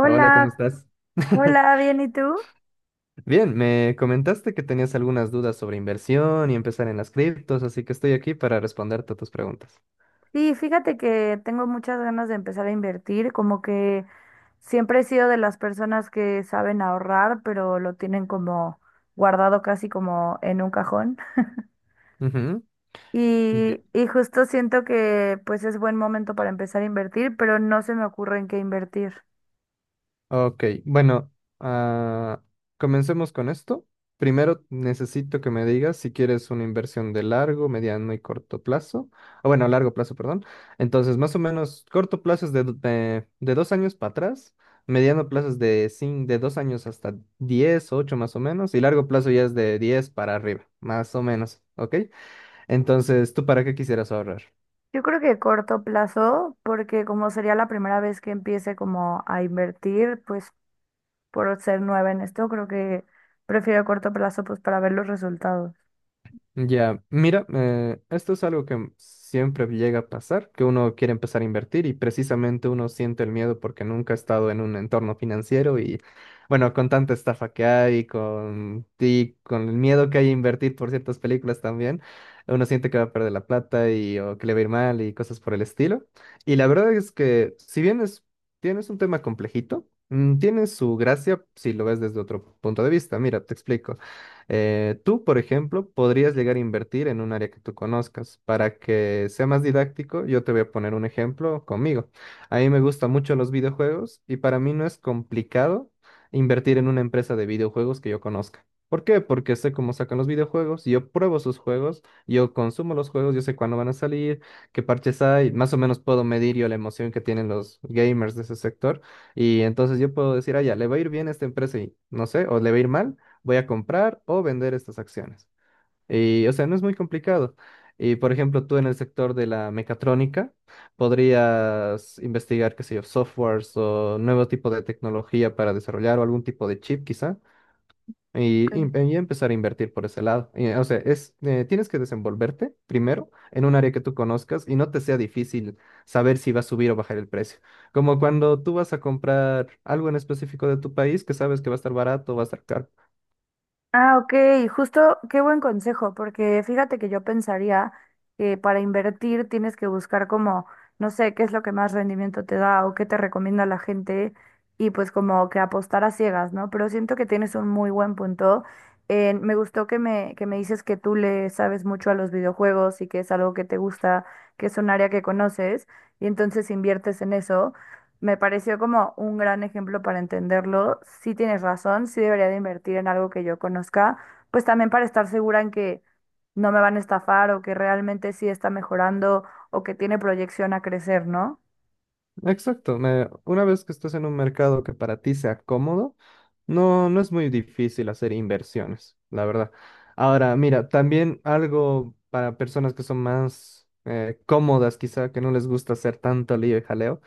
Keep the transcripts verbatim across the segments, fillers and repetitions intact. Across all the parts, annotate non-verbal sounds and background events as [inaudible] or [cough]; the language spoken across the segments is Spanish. Hola, ¿cómo estás? [laughs] hola, bien, ¿y tú? Bien, me comentaste que tenías algunas dudas sobre inversión y empezar en las criptos, así que estoy aquí para responderte a tus preguntas. Sí, fíjate que tengo muchas ganas de empezar a invertir, como que siempre he sido de las personas que saben ahorrar, pero lo tienen como guardado casi como en un cajón. Ujú. Y, y justo siento que pues es buen momento para empezar a invertir, pero no se me ocurre en qué invertir. Ok, bueno, ah, comencemos con esto. Primero necesito que me digas si quieres una inversión de largo, mediano y corto plazo. O bueno, largo plazo, perdón. Entonces, más o menos, corto plazo es de, do- de, de dos años para atrás, mediano plazo es de, cin- de dos años hasta diez, ocho más o menos, y largo plazo ya es de diez para arriba, más o menos, ¿ok? Entonces, ¿tú para qué quisieras ahorrar? Yo creo que corto plazo, porque como sería la primera vez que empiece como a invertir, pues por ser nueva en esto, creo que prefiero a corto plazo pues para ver los resultados. Ya, mira, eh, esto es algo que siempre llega a pasar, que uno quiere empezar a invertir y precisamente uno siente el miedo porque nunca ha estado en un entorno financiero y bueno, con tanta estafa que hay, con, y con el miedo que hay a invertir por ciertas películas también, uno siente que va a perder la plata y o que le va a ir mal y cosas por el estilo. Y la verdad es que si bien es, tienes un tema complejito, mm, tiene su gracia si lo ves desde otro punto de vista. Mira, te explico. Eh, tú, por ejemplo, podrías llegar a invertir en un área que tú conozcas. Para que sea más didáctico, yo te voy a poner un ejemplo conmigo. A mí me gustan mucho los videojuegos y para mí no es complicado invertir en una empresa de videojuegos que yo conozca. ¿Por qué? Porque sé cómo sacan los videojuegos, yo pruebo sus juegos, yo consumo los juegos, yo sé cuándo van a salir, qué parches hay, más o menos puedo medir yo la emoción que tienen los gamers de ese sector y entonces yo puedo decir, ah, ya, le va a ir bien a esta empresa y no sé, o le va a ir mal, voy a comprar o vender estas acciones. Y, o sea, no es muy complicado. Y, por ejemplo, tú en el sector de la mecatrónica podrías investigar, qué sé yo, softwares o nuevo tipo de tecnología para desarrollar o algún tipo de chip quizá y, Ok. y- y empezar a invertir por ese lado. Y, o sea, es, eh, tienes que desenvolverte primero en un área que tú conozcas y no te sea difícil saber si va a subir o bajar el precio. Como cuando tú vas a comprar algo en específico de tu país que sabes que va a estar barato o va a estar caro. Ah, ok, justo qué buen consejo, porque fíjate que yo pensaría que para invertir tienes que buscar como, no sé, qué es lo que más rendimiento te da o qué te recomienda la gente y pues como que apostar a ciegas, ¿no? Pero siento que tienes un muy buen punto. En- me gustó que me, que me dices que tú le sabes mucho a los videojuegos y que es algo que te gusta, que es un área que conoces y entonces inviertes en eso. Me pareció como un gran ejemplo para entenderlo. Sí tienes razón, sí debería de invertir en algo que yo conozca, pues también para estar segura en que no me van a estafar o que realmente sí está mejorando o que tiene proyección a crecer, ¿no? Exacto, me- una vez que estés en un mercado que para ti sea cómodo, no, no es muy difícil hacer inversiones, la verdad. Ahora, mira, también algo para personas que son más eh, cómodas, quizá que no les gusta hacer tanto lío y jaleo.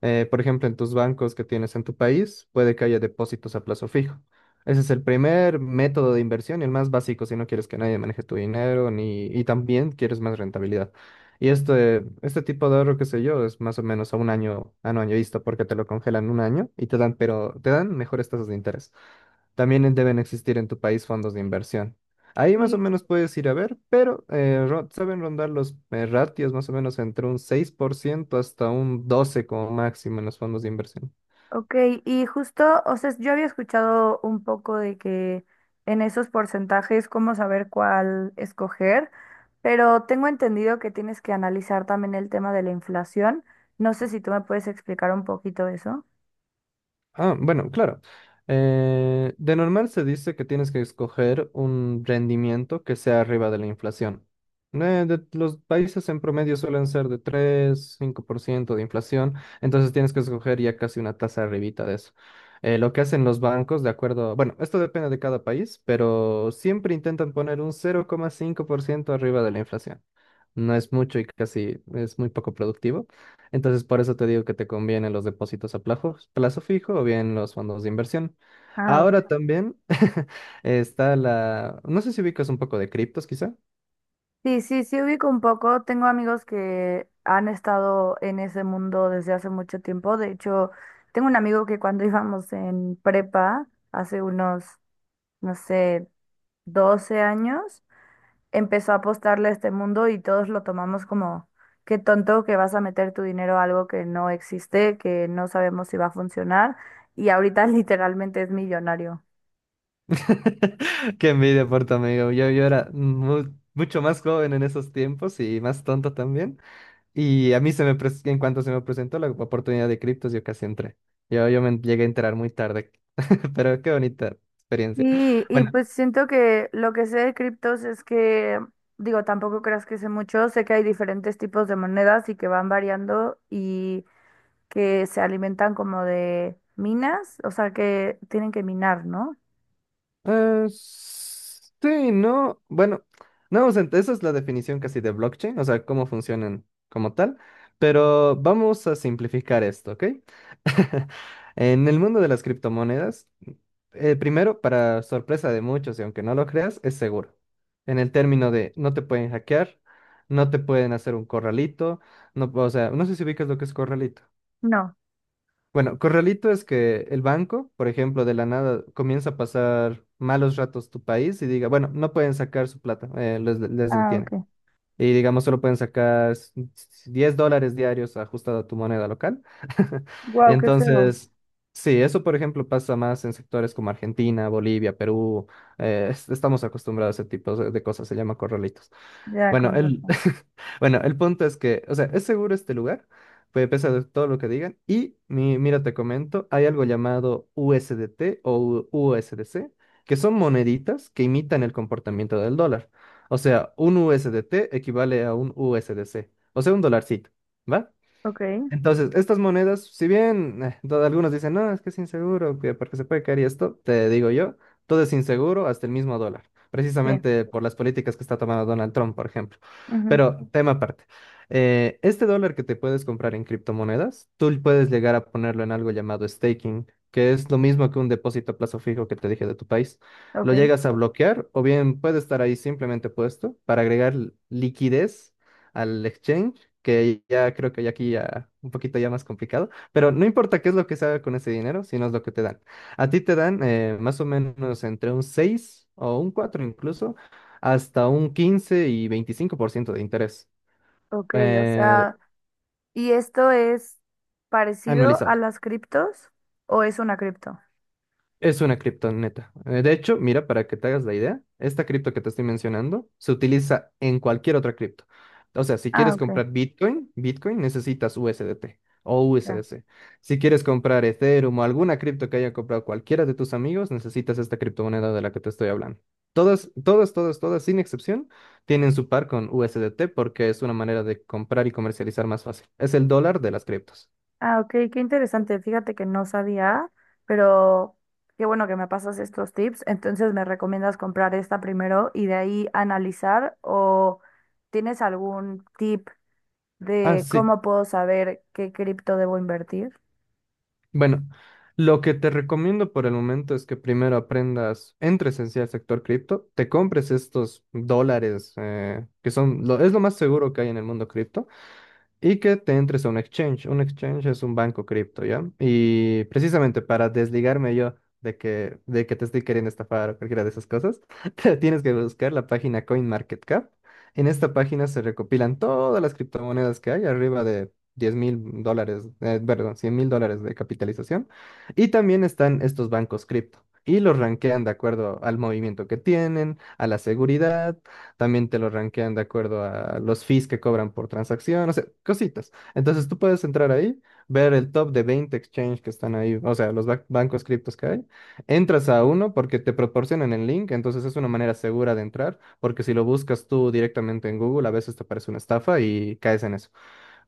Eh, por ejemplo, en tus bancos que tienes en tu país, puede que haya depósitos a plazo fijo. Ese es el primer método de inversión y el más básico si no quieres que nadie maneje tu dinero ni, y también quieres más rentabilidad. Y este, este tipo de ahorro, qué sé yo, es más o menos a un año, a un año vista porque te lo congelan un año y te dan, pero te dan mejores tasas de interés. También deben existir en tu país fondos de inversión. Ahí más o Sí. menos puedes ir a ver, pero eh, ro- saben rondar los eh, ratios más o menos entre un seis por ciento hasta un doce por ciento como máximo en los fondos de inversión. Ok, y justo, o sea, yo había escuchado un poco de que en esos porcentajes, cómo saber cuál escoger, pero tengo entendido que tienes que analizar también el tema de la inflación. No sé si tú me puedes explicar un poquito eso. Ah, bueno, claro. Eh, de normal se dice que tienes que escoger un rendimiento que sea arriba de la inflación. Eh, de- los países en promedio suelen ser de tres cinco por ciento de inflación, entonces tienes que escoger ya casi una tasa arribita de eso. Eh, lo que hacen los bancos, de acuerdo, bueno, esto depende de cada país, pero siempre intentan poner un cero coma cinco por ciento arriba de la inflación, no es mucho y casi es muy poco productivo. Entonces, por eso te digo que te convienen los depósitos a plazo, plazo fijo o bien los fondos de inversión. Ah, Ahora también [laughs] está la, no sé si ubicas un poco de criptos, quizá. sí, sí, sí ubico un poco. Tengo amigos que han estado en ese mundo desde hace mucho tiempo. De hecho, tengo un amigo que cuando [laughs] íbamos en prepa, hace unos, no sé, doce años, empezó a apostarle a este mundo y todos lo tomamos como, qué tonto que vas a meter tu dinero a algo que no existe, que no sabemos si va a funcionar. Y ahorita [laughs] literalmente es millonario. [laughs] Qué envidia por tu amigo. Yo, yo era mu- mucho más joven en esos tiempos y más tonto también. Y a mí se me pres- en cuanto se me presentó la oportunidad de criptos, yo casi entré. Yo, yo me llegué a enterar muy tarde, [laughs] pero qué bonita experiencia. Y, y Bueno, pues siento que lo que sé de criptos es que, digo, tampoco creas que sé mucho, sé que hay diferentes tipos de monedas y que van variando y que se alimentan como de minas, o sea que tienen que minar, ¿no? Eh, sí, no. Bueno, no, o sea, esa es la definición casi de blockchain, o sea, cómo funcionan como tal. Pero vamos a simplificar esto, ¿ok? [laughs] En el mundo de las criptomonedas, eh, primero, para sorpresa de muchos, y aunque no lo creas, es seguro. En el término de no te pueden hackear, no te pueden hacer un corralito, no, o sea, no sé si ubicas lo que es corralito. No. Bueno, corralito es que el banco, por ejemplo, de la nada comienza a pasar malos ratos tu país y diga, bueno, no pueden sacar su plata, eh, les, les Ah, ok. detiene. Y digamos, solo pueden sacar s- s- diez dólares diarios ajustado a tu moneda local. [laughs] Wow, qué feo. Entonces, sí, eso, por ejemplo, pasa más en sectores como Argentina, Bolivia, Perú. Eh, es- estamos acostumbrados a ese tipo de de cosas, se llama corralitos. Ya, Bueno, con el, razón. [laughs] bueno, el punto es que, o sea, es seguro este lugar, pues a pesar de todo lo que digan. Y mi- mira, te comento, hay algo llamado U S D T o U- USDC, que son moneditas que imitan el comportamiento del dólar. O sea, un U S D T equivale a un U S D C, o sea, un dolarcito, ¿va? Ok, Entonces, estas monedas, si bien eh, to- algunos dicen, no, es que es inseguro, que porque se puede caer y esto, te digo yo, todo es inseguro hasta el mismo dólar, sí, precisamente por las políticas que está tomando Donald Trump, por ejemplo. ujú, Pero tema aparte, eh, este dólar que te puedes comprar en criptomonedas, tú puedes llegar a ponerlo en algo llamado staking, que es lo mismo que un depósito a plazo fijo que te dije de tu país. ok, Lo llegas a bloquear o bien puede estar ahí simplemente puesto para agregar liquidez al exchange, que ya creo que ya aquí ya un poquito ya más complicado, pero no importa qué es lo que se haga con ese dinero, sino es lo que te dan. A ti te dan eh, más o menos entre un seis o un cuatro incluso, hasta un quince y veinticinco por ciento de interés ok, o eh, sea, ¿y esto es parecido a anualizado. las criptos o es una cripto? Es una criptoneta. Eh, De hecho, mira, para que te hagas la idea, esta cripto que te estoy mencionando se utiliza en cualquier otra cripto. O sea, si Ah, quieres ok, comprar Bitcoin, Bitcoin necesitas U S D T o ya. U S D C. Si quieres comprar Ethereum o alguna cripto que haya comprado cualquiera de tus amigos, necesitas esta criptomoneda de la que te estoy hablando. Todas, todas, todas, todas, sin excepción, tienen su par con U S D T porque es una manera de comprar y comercializar más fácil. Es el dólar de las criptos. Ah, ok, qué interesante. Fíjate que no sabía, pero qué bueno que me pasas estos tips. Entonces, ¿me recomiendas comprar esta primero y de ahí analizar? ¿O tienes algún tip Ah, de sí, cómo puedo saber qué cripto debo invertir? bueno, lo que te recomiendo por el momento es que primero aprendas, entres en sí al sector cripto, te compres estos dólares eh, que son lo, es lo más seguro que hay en el mundo cripto y que te entres a un exchange. Un exchange es un banco cripto, ¿ya? Y precisamente para desligarme yo de que, de que te estoy queriendo estafar o cualquiera de esas cosas, [laughs] te tienes que buscar la página CoinMarketCap. En esta página se recopilan todas las criptomonedas que hay, arriba de diez mil dólares, eh, perdón, cien mil dólares de capitalización. Y también están estos bancos cripto. Y los rankean de acuerdo al movimiento que tienen, a la seguridad, también te lo rankean de acuerdo a los fees que cobran por transacción, o sea, cositas. Entonces tú puedes entrar ahí, ver el top de veinte exchange que están ahí, o sea, los ba- bancos criptos que hay. Entras a uno porque te proporcionan el link, entonces es una manera segura de entrar, porque si lo buscas tú directamente en Google, a veces te aparece una estafa y caes en eso.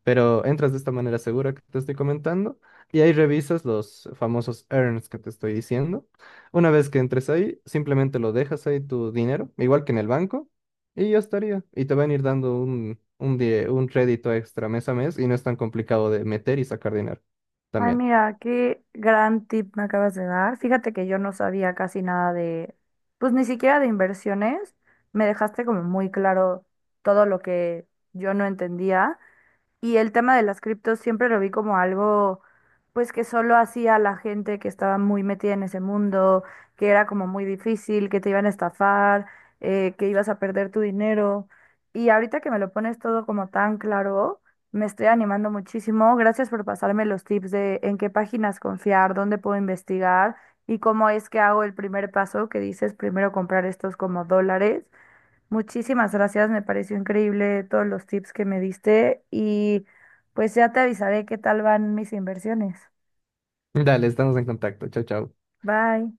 Pero entras de esta manera segura que te estoy comentando y ahí revisas los famosos earns que te estoy diciendo. Una vez que entres ahí, simplemente lo dejas ahí tu dinero, igual que en el banco, y ya estaría. Y te van a ir dando un, un, die- un crédito extra mes a mes y no es tan complicado de meter y sacar dinero Ay, también. mira, qué gran tip me acabas de dar. Fíjate que yo no sabía casi nada de, pues ni siquiera de inversiones. Me dejaste como muy claro todo lo que yo no entendía. Y el tema de las criptos siempre lo vi como algo, pues que solo hacía la gente que estaba muy metida en ese mundo, que era como muy difícil, que te iban a estafar, eh, que ibas a perder tu dinero. Y ahorita que me lo pones todo como tan claro, me estoy animando muchísimo. Gracias por pasarme los tips de en qué páginas confiar, dónde puedo investigar y cómo es que hago el primer paso que dices, primero comprar estos como dólares. Muchísimas gracias, me pareció increíble todos los tips que me diste y pues ya te avisaré qué tal van mis inversiones. Dale, estamos en contacto. Chao, chao. Bye.